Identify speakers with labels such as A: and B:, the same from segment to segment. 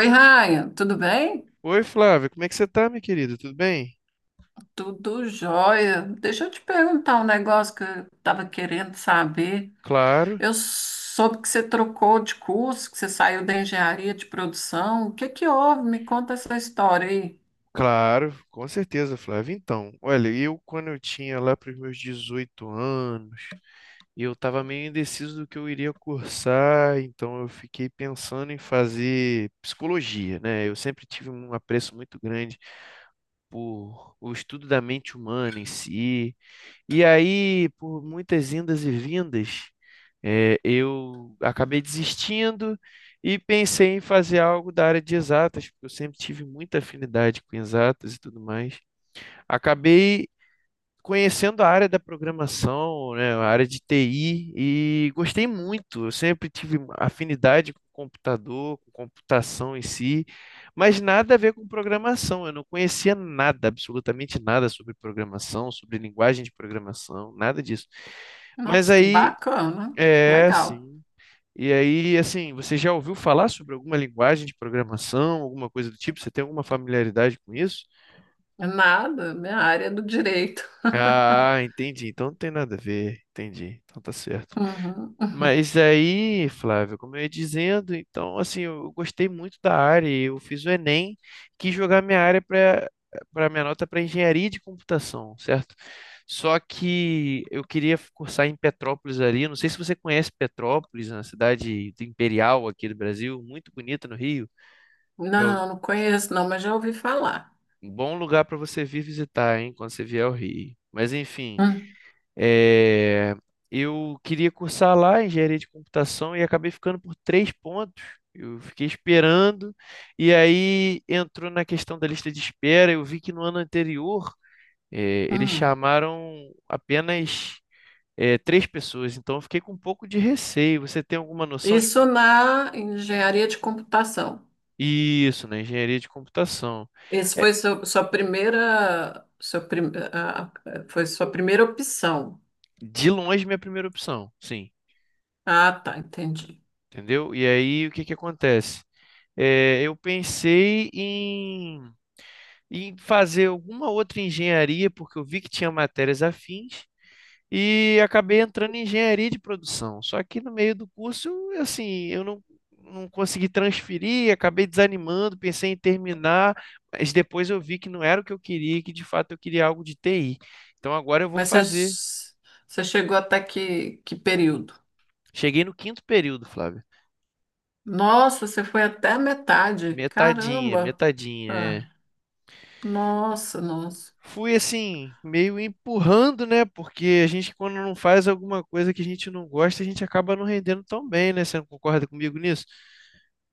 A: Oi, Raia, tudo bem?
B: Oi, Flávia, como é que você tá, minha querida? Tudo bem?
A: Tudo jóia. Deixa eu te perguntar um negócio que eu estava querendo saber.
B: Claro,
A: Eu soube que você trocou de curso, que você saiu da engenharia de produção. O que que houve? Me conta essa história aí.
B: claro, com certeza, Flávia. Então, olha, eu quando eu tinha lá para os meus 18 anos, eu estava meio indeciso do que eu iria cursar, então eu fiquei pensando em fazer psicologia, né? Eu sempre tive um apreço muito grande por o estudo da mente humana em si. E aí, por muitas indas e vindas, eu acabei desistindo e pensei em fazer algo da área de exatas, porque eu sempre tive muita afinidade com exatas e tudo mais. Acabei conhecendo a área da programação, né, a área de TI, e gostei muito. Eu sempre tive afinidade com computador, com computação em si, mas nada a ver com programação. Eu não conhecia nada, absolutamente nada sobre programação, sobre linguagem de programação, nada disso. Mas
A: Nossa, que
B: aí,
A: bacana.
B: é
A: Legal.
B: assim. E aí, assim, você já ouviu falar sobre alguma linguagem de programação, alguma coisa do tipo? Você tem alguma familiaridade com isso?
A: Nada, minha área é do direito.
B: Ah, entendi. Então não tem nada a ver. Entendi. Então tá certo.
A: Uhum, uhum.
B: Mas aí, Flávio, como eu ia dizendo, então assim, eu gostei muito da área. E Eu fiz o Enem, quis jogar minha área para minha nota para engenharia de computação, certo? Só que eu queria cursar em Petrópolis ali. Não sei se você conhece Petrópolis, na cidade do imperial aqui do Brasil, muito bonita no Rio. Que é
A: Não, não conheço, não, mas já ouvi falar.
B: um bom lugar para você vir visitar, hein, quando você vier ao Rio. Mas enfim,
A: Hum,
B: é, eu queria cursar lá engenharia de computação e acabei ficando por três pontos. Eu fiquei esperando, e aí entrou na questão da lista de espera. Eu vi que no ano anterior, eles
A: hum.
B: chamaram apenas, três pessoas, então eu fiquei com um pouco de receio. Você tem alguma noção de
A: Isso
B: como...
A: na engenharia de computação.
B: Isso, na engenharia de computação.
A: Esse
B: É,
A: foi seu, sua primeira, foi sua primeira opção.
B: de longe, minha primeira opção, sim,
A: Ah, tá, entendi.
B: entendeu? E aí o que que acontece? Eu pensei em fazer alguma outra engenharia, porque eu vi que tinha matérias afins, e acabei entrando em engenharia de produção. Só que no meio do curso, eu, assim, eu não consegui transferir, acabei desanimando, pensei em terminar, mas depois eu vi que não era o que eu queria, e que de fato eu queria algo de TI. Então agora eu vou
A: Mas
B: fazer.
A: você, você chegou até que período?
B: Cheguei no quinto período, Flávio.
A: Nossa, você foi até a metade.
B: Metadinha,
A: Caramba!
B: metadinha. É,
A: Ah, nossa, nossa.
B: fui assim, meio empurrando, né? Porque a gente, quando não faz alguma coisa que a gente não gosta, a gente acaba não rendendo tão bem, né? Você não concorda comigo nisso?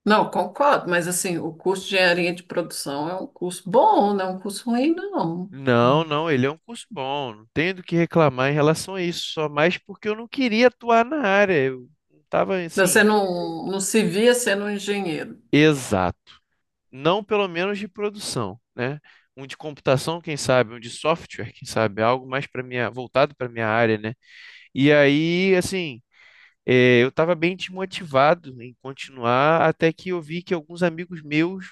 A: Não, concordo, mas assim, o curso de engenharia de produção é um curso bom, não é um curso ruim, não.
B: Não, não, ele é um curso bom, não tenho do que reclamar em relação a isso, só mais porque eu não queria atuar na área, eu não estava assim,
A: Você não, não se via sendo um engenheiro.
B: exato, não pelo menos de produção, né? Um de computação, quem sabe, um de software, quem sabe, algo mais para minha, voltado para minha área, né? E aí, assim, é, eu estava bem desmotivado em continuar, até que eu vi que alguns amigos meus,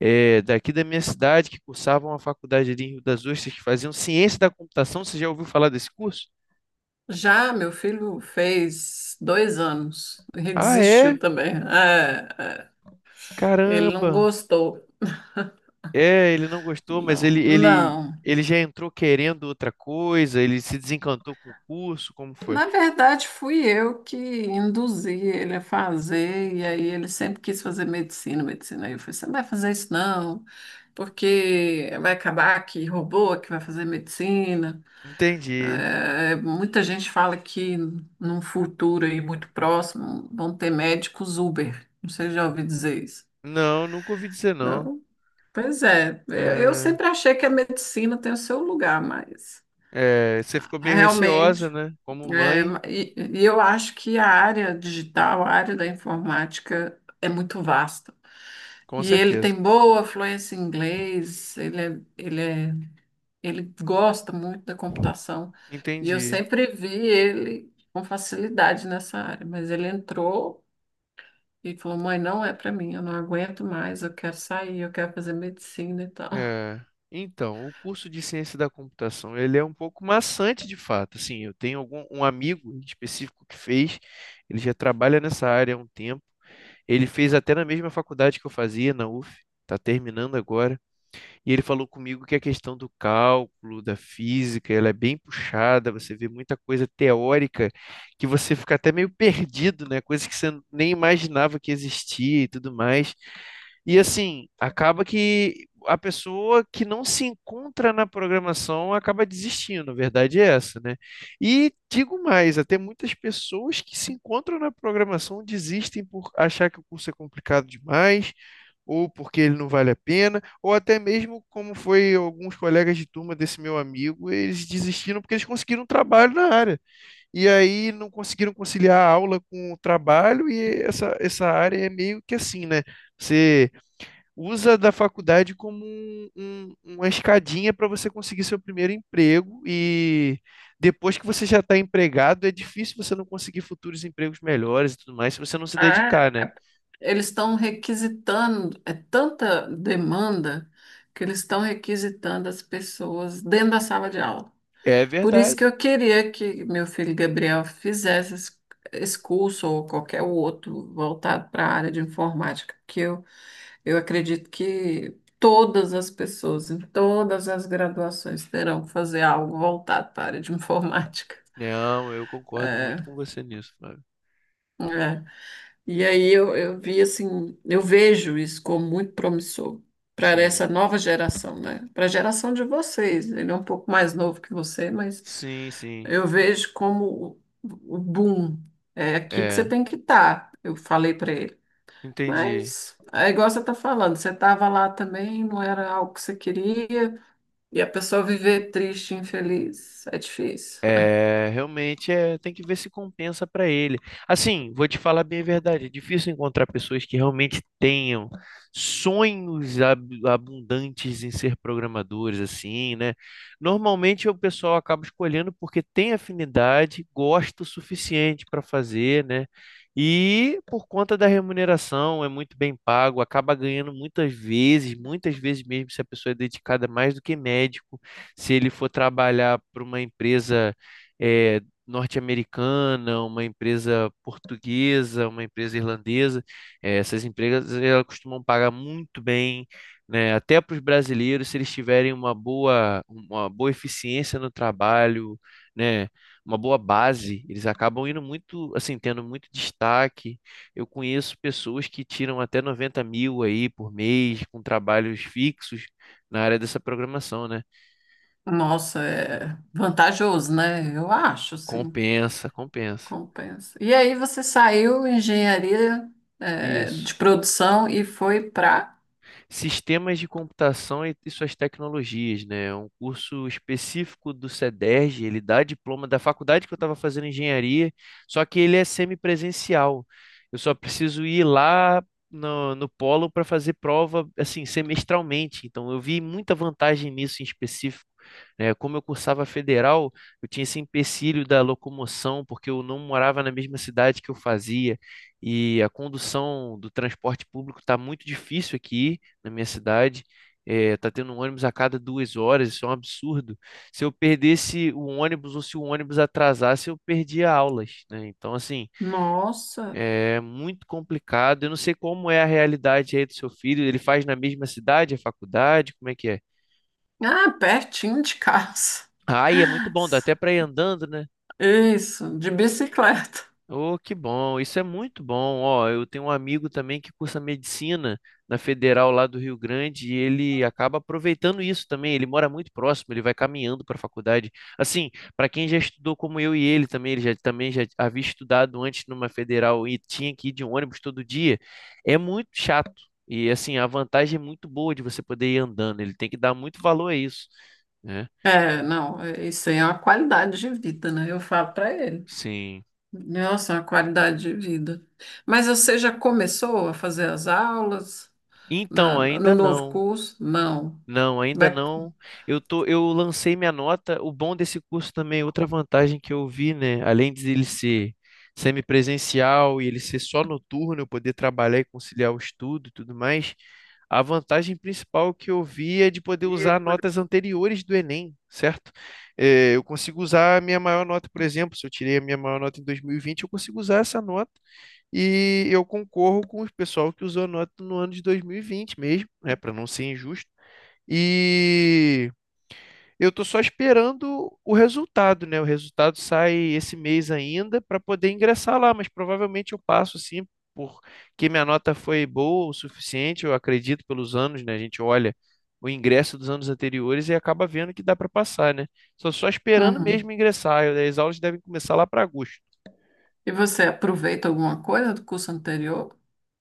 B: é, daqui da minha cidade, que cursavam a faculdade ali em Rio das Ostras, que faziam ciência da computação, você já ouviu falar desse curso?
A: Já meu filho fez dois anos e
B: Ah,
A: desistiu
B: é?
A: também. É, é, ele
B: Caramba!
A: não gostou.
B: É, ele não gostou, mas
A: Não,
B: ele, ele,
A: não.
B: ele já entrou querendo outra coisa, ele se desencantou com o curso, como foi?
A: Na verdade, fui eu que induzi ele a fazer, e aí ele sempre quis fazer medicina, medicina. Aí eu falei, você não vai fazer isso não, porque vai acabar que robô que vai fazer medicina.
B: Entendi.
A: É, muita gente fala que num futuro aí muito próximo vão ter médicos Uber. Não sei se já ouviu dizer isso.
B: Não, nunca ouvi dizer não.
A: Não. Pois é, eu
B: É,
A: sempre achei que a medicina tem o seu lugar, mas
B: é, você ficou meio receosa,
A: realmente,
B: né? Como
A: é,
B: mãe,
A: e, e eu acho que a área digital, a área da informática é muito vasta.
B: com
A: E ele tem
B: certeza.
A: boa fluência em inglês, ele, ele gosta muito da computação. E eu
B: Entendi.
A: sempre vi ele com facilidade nessa área, mas ele entrou e falou: mãe, não é para mim, eu não aguento mais, eu quero sair, eu quero fazer medicina e tal.
B: É, então, o curso de ciência da computação, ele é um pouco maçante de fato. Assim, eu tenho algum, um amigo em específico que fez, ele já trabalha nessa área há um tempo. Ele fez até na mesma faculdade que eu fazia, na UF, está terminando agora. E ele falou comigo que a questão do cálculo, da física, ela é bem puxada, você vê muita coisa teórica que você fica até meio perdido, né? Coisas que você nem imaginava que existia e tudo mais. E assim, acaba que a pessoa que não se encontra na programação acaba desistindo, a verdade é essa, né? E digo mais, até muitas pessoas que se encontram na programação desistem por achar que o curso é complicado demais ou porque ele não vale a pena ou até mesmo como foi alguns colegas de turma desse meu amigo, eles desistiram porque eles conseguiram um trabalho na área. E aí não conseguiram conciliar a aula com o trabalho, e essa área é meio que assim, né? Você usa da faculdade como uma escadinha para você conseguir seu primeiro emprego, e depois que você já está empregado, é difícil você não conseguir futuros empregos melhores e tudo mais se você não se dedicar, né?
A: Eles estão requisitando, é tanta demanda que eles estão requisitando as pessoas dentro da sala de aula.
B: É
A: Por isso que
B: verdade.
A: eu queria que meu filho Gabriel fizesse esse curso ou qualquer outro voltado para a área de informática, porque eu acredito que todas as pessoas, em todas as graduações, terão que fazer algo voltado para a área de informática.
B: Não, eu concordo muito com você nisso, Fábio.
A: É. E aí eu vi assim, eu vejo isso como muito promissor para essa
B: Sim.
A: nova geração, né? Para a geração de vocês. Ele é um pouco mais novo que você, mas
B: Sim, sim.
A: eu vejo como o boom. É aqui que você
B: É,
A: tem que estar, eu falei para ele.
B: entendi.
A: Mas é igual você está falando, você estava lá também, não era algo que você queria, e a pessoa viver triste, infeliz, é difícil.
B: É, realmente é, tem que ver se compensa para ele. Assim, vou te falar bem a verdade, é difícil encontrar pessoas que realmente tenham sonhos abundantes em ser programadores assim, né? Normalmente o pessoal acaba escolhendo porque tem afinidade, gosta o suficiente para fazer, né? E por conta da remuneração, é muito bem pago, acaba ganhando muitas vezes mesmo se a pessoa é dedicada mais do que médico, se ele for trabalhar para uma empresa eh, norte-americana, uma empresa portuguesa, uma empresa irlandesa. Essas empresas elas costumam pagar muito bem, né? Até para os brasileiros, se eles tiverem uma boa eficiência no trabalho, né? Uma boa base, eles acabam indo muito, assim, tendo muito destaque. Eu conheço pessoas que tiram até 90 mil aí por mês com trabalhos fixos na área dessa programação, né?
A: Nossa, é vantajoso, né? Eu acho, assim.
B: Compensa, compensa.
A: Compensa. E aí você saiu engenharia de
B: Isso.
A: produção e foi para.
B: Sistemas de Computação e suas tecnologias, né? É um curso específico do CEDERJ, ele dá diploma da faculdade que eu estava fazendo engenharia, só que ele é semipresencial. Eu só preciso ir lá no polo para fazer prova assim semestralmente. Então eu vi muita vantagem nisso em específico. Né? Como eu cursava federal, eu tinha esse empecilho da locomoção, porque eu não morava na mesma cidade que eu fazia, e a condução do transporte público está muito difícil aqui, na minha cidade. É, tá tendo um ônibus a cada 2 horas, isso é um absurdo. Se eu perdesse o ônibus ou se o ônibus atrasasse, eu perdia aulas, né? Então, assim,
A: Nossa!
B: é muito complicado. Eu não sei como é a realidade aí do seu filho. Ele faz na mesma cidade, a faculdade, como é que é?
A: Ah, pertinho de casa.
B: Ah, e é muito bom, dá até para ir andando, né?
A: Isso, de bicicleta.
B: Oh, que bom, isso é muito bom. Ó, eu tenho um amigo também que cursa medicina na Federal lá do Rio Grande e ele acaba aproveitando isso também. Ele mora muito próximo, ele vai caminhando para a faculdade. Assim, para quem já estudou como eu e ele também, ele já, também já havia estudado antes numa Federal e tinha que ir de ônibus todo dia, é muito chato. E assim, a vantagem é muito boa de você poder ir andando, ele tem que dar muito valor a isso, né?
A: É, não, isso aí é uma qualidade de vida, né? Eu falo para ele.
B: Sim.
A: Nossa, é uma qualidade de vida. Mas você já começou a fazer as aulas
B: Então,
A: no
B: ainda
A: novo
B: não.
A: curso? Não.
B: Não, ainda
A: Vai...
B: não. Eu lancei minha nota. O bom desse curso também, outra vantagem que eu vi, né? Além de ele ser semipresencial e ele ser só noturno, eu poder trabalhar e conciliar o estudo e tudo mais, a vantagem principal que eu vi é de poder
A: E
B: usar notas anteriores do Enem, certo? Eu consigo usar a minha maior nota, por exemplo, se eu tirei a minha maior nota em 2020, eu consigo usar essa nota e eu concorro com o pessoal que usou a nota no ano de 2020 mesmo, né? Para não ser injusto. E eu estou só esperando o resultado, né? O resultado sai esse mês ainda para poder ingressar lá, mas provavelmente eu passo sim, porque minha nota foi boa o suficiente, eu acredito pelos anos, né? A gente olha o ingresso dos anos anteriores e acaba vendo que dá para passar, né? Estou só esperando
A: uhum.
B: mesmo ingressar. As aulas devem começar lá para agosto.
A: E você aproveita alguma coisa do curso anterior?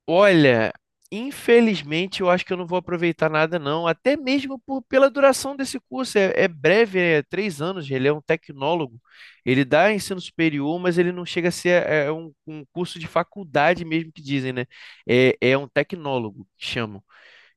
B: Olha, infelizmente eu acho que eu não vou aproveitar nada, não. Até mesmo por, pela duração desse curso. É, é breve, é 3 anos. Ele é um tecnólogo. Ele dá ensino superior, mas ele não chega a ser é, é um, um curso de faculdade mesmo que dizem, né? É, é um tecnólogo que chamam.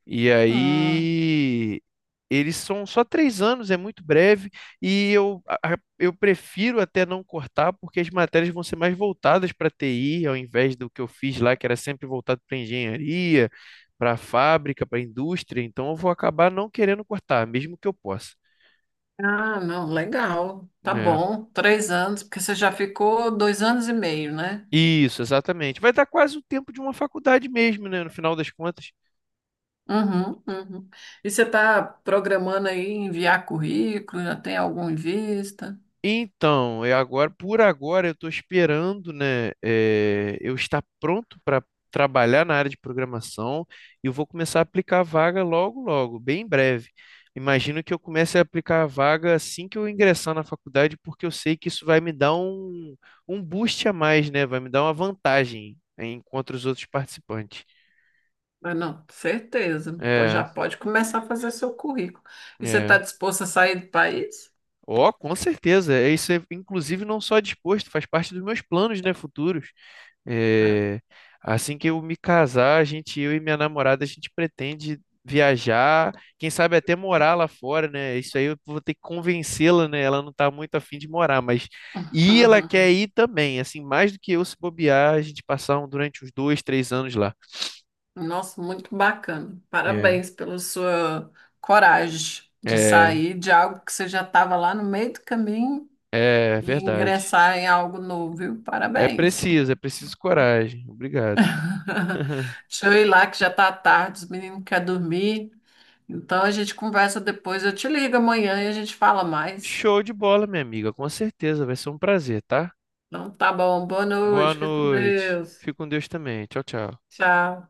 B: E
A: Hum.
B: aí, eles são só 3 anos, é muito breve, e eu, eu prefiro até não cortar, porque as matérias vão ser mais voltadas para TI, ao invés do que eu fiz lá, que era sempre voltado para engenharia, para fábrica, para indústria. Então, eu vou acabar não querendo cortar, mesmo que eu possa.
A: Ah, não, legal. Tá
B: É.
A: bom. Três anos, porque você já ficou dois anos e meio, né?
B: Isso, exatamente. Vai dar quase o tempo de uma faculdade mesmo, né, no final das contas.
A: Uhum, uhum. E você está programando aí enviar currículo? Já tem algum em vista?
B: Então, é agora, por agora, eu estou esperando, né, eu estar pronto para trabalhar na área de programação e eu vou começar a aplicar a vaga logo, logo, bem em breve. Imagino que eu comece a aplicar a vaga assim que eu ingressar na faculdade, porque eu sei que isso vai me dar um boost a mais, né? Vai me dar uma vantagem contra os outros participantes.
A: Ah, não, certeza. Pô, já
B: É,
A: pode começar a fazer seu currículo. E você está
B: é.
A: disposto a sair do país?
B: Ó, com certeza. É, isso é, inclusive, não só disposto, faz parte dos meus planos, né, futuros. É, assim que eu me casar, a gente, eu e minha namorada, a gente pretende viajar, quem sabe até morar lá fora, né? Isso aí eu vou ter que convencê-la, né? Ela não tá muito afim de morar, mas e ela quer ir também, assim, mais do que eu se bobear, a gente passar durante uns dois, três anos lá.
A: Nossa, muito bacana.
B: É,
A: Parabéns pela sua coragem de
B: é,
A: sair de algo que você já estava lá no meio do caminho
B: É
A: e
B: verdade.
A: ingressar em algo novo, viu? Parabéns.
B: É preciso coragem. Obrigado.
A: Deixa eu ir lá que já tá tarde, os meninos querem dormir. Então a gente conversa depois. Eu te ligo amanhã e a gente fala mais.
B: Show de bola, minha amiga, com certeza, vai ser um prazer, tá?
A: Então tá bom, boa
B: Boa
A: noite, fica com
B: noite.
A: Deus.
B: Fique com Deus também. Tchau, tchau.
A: Tchau.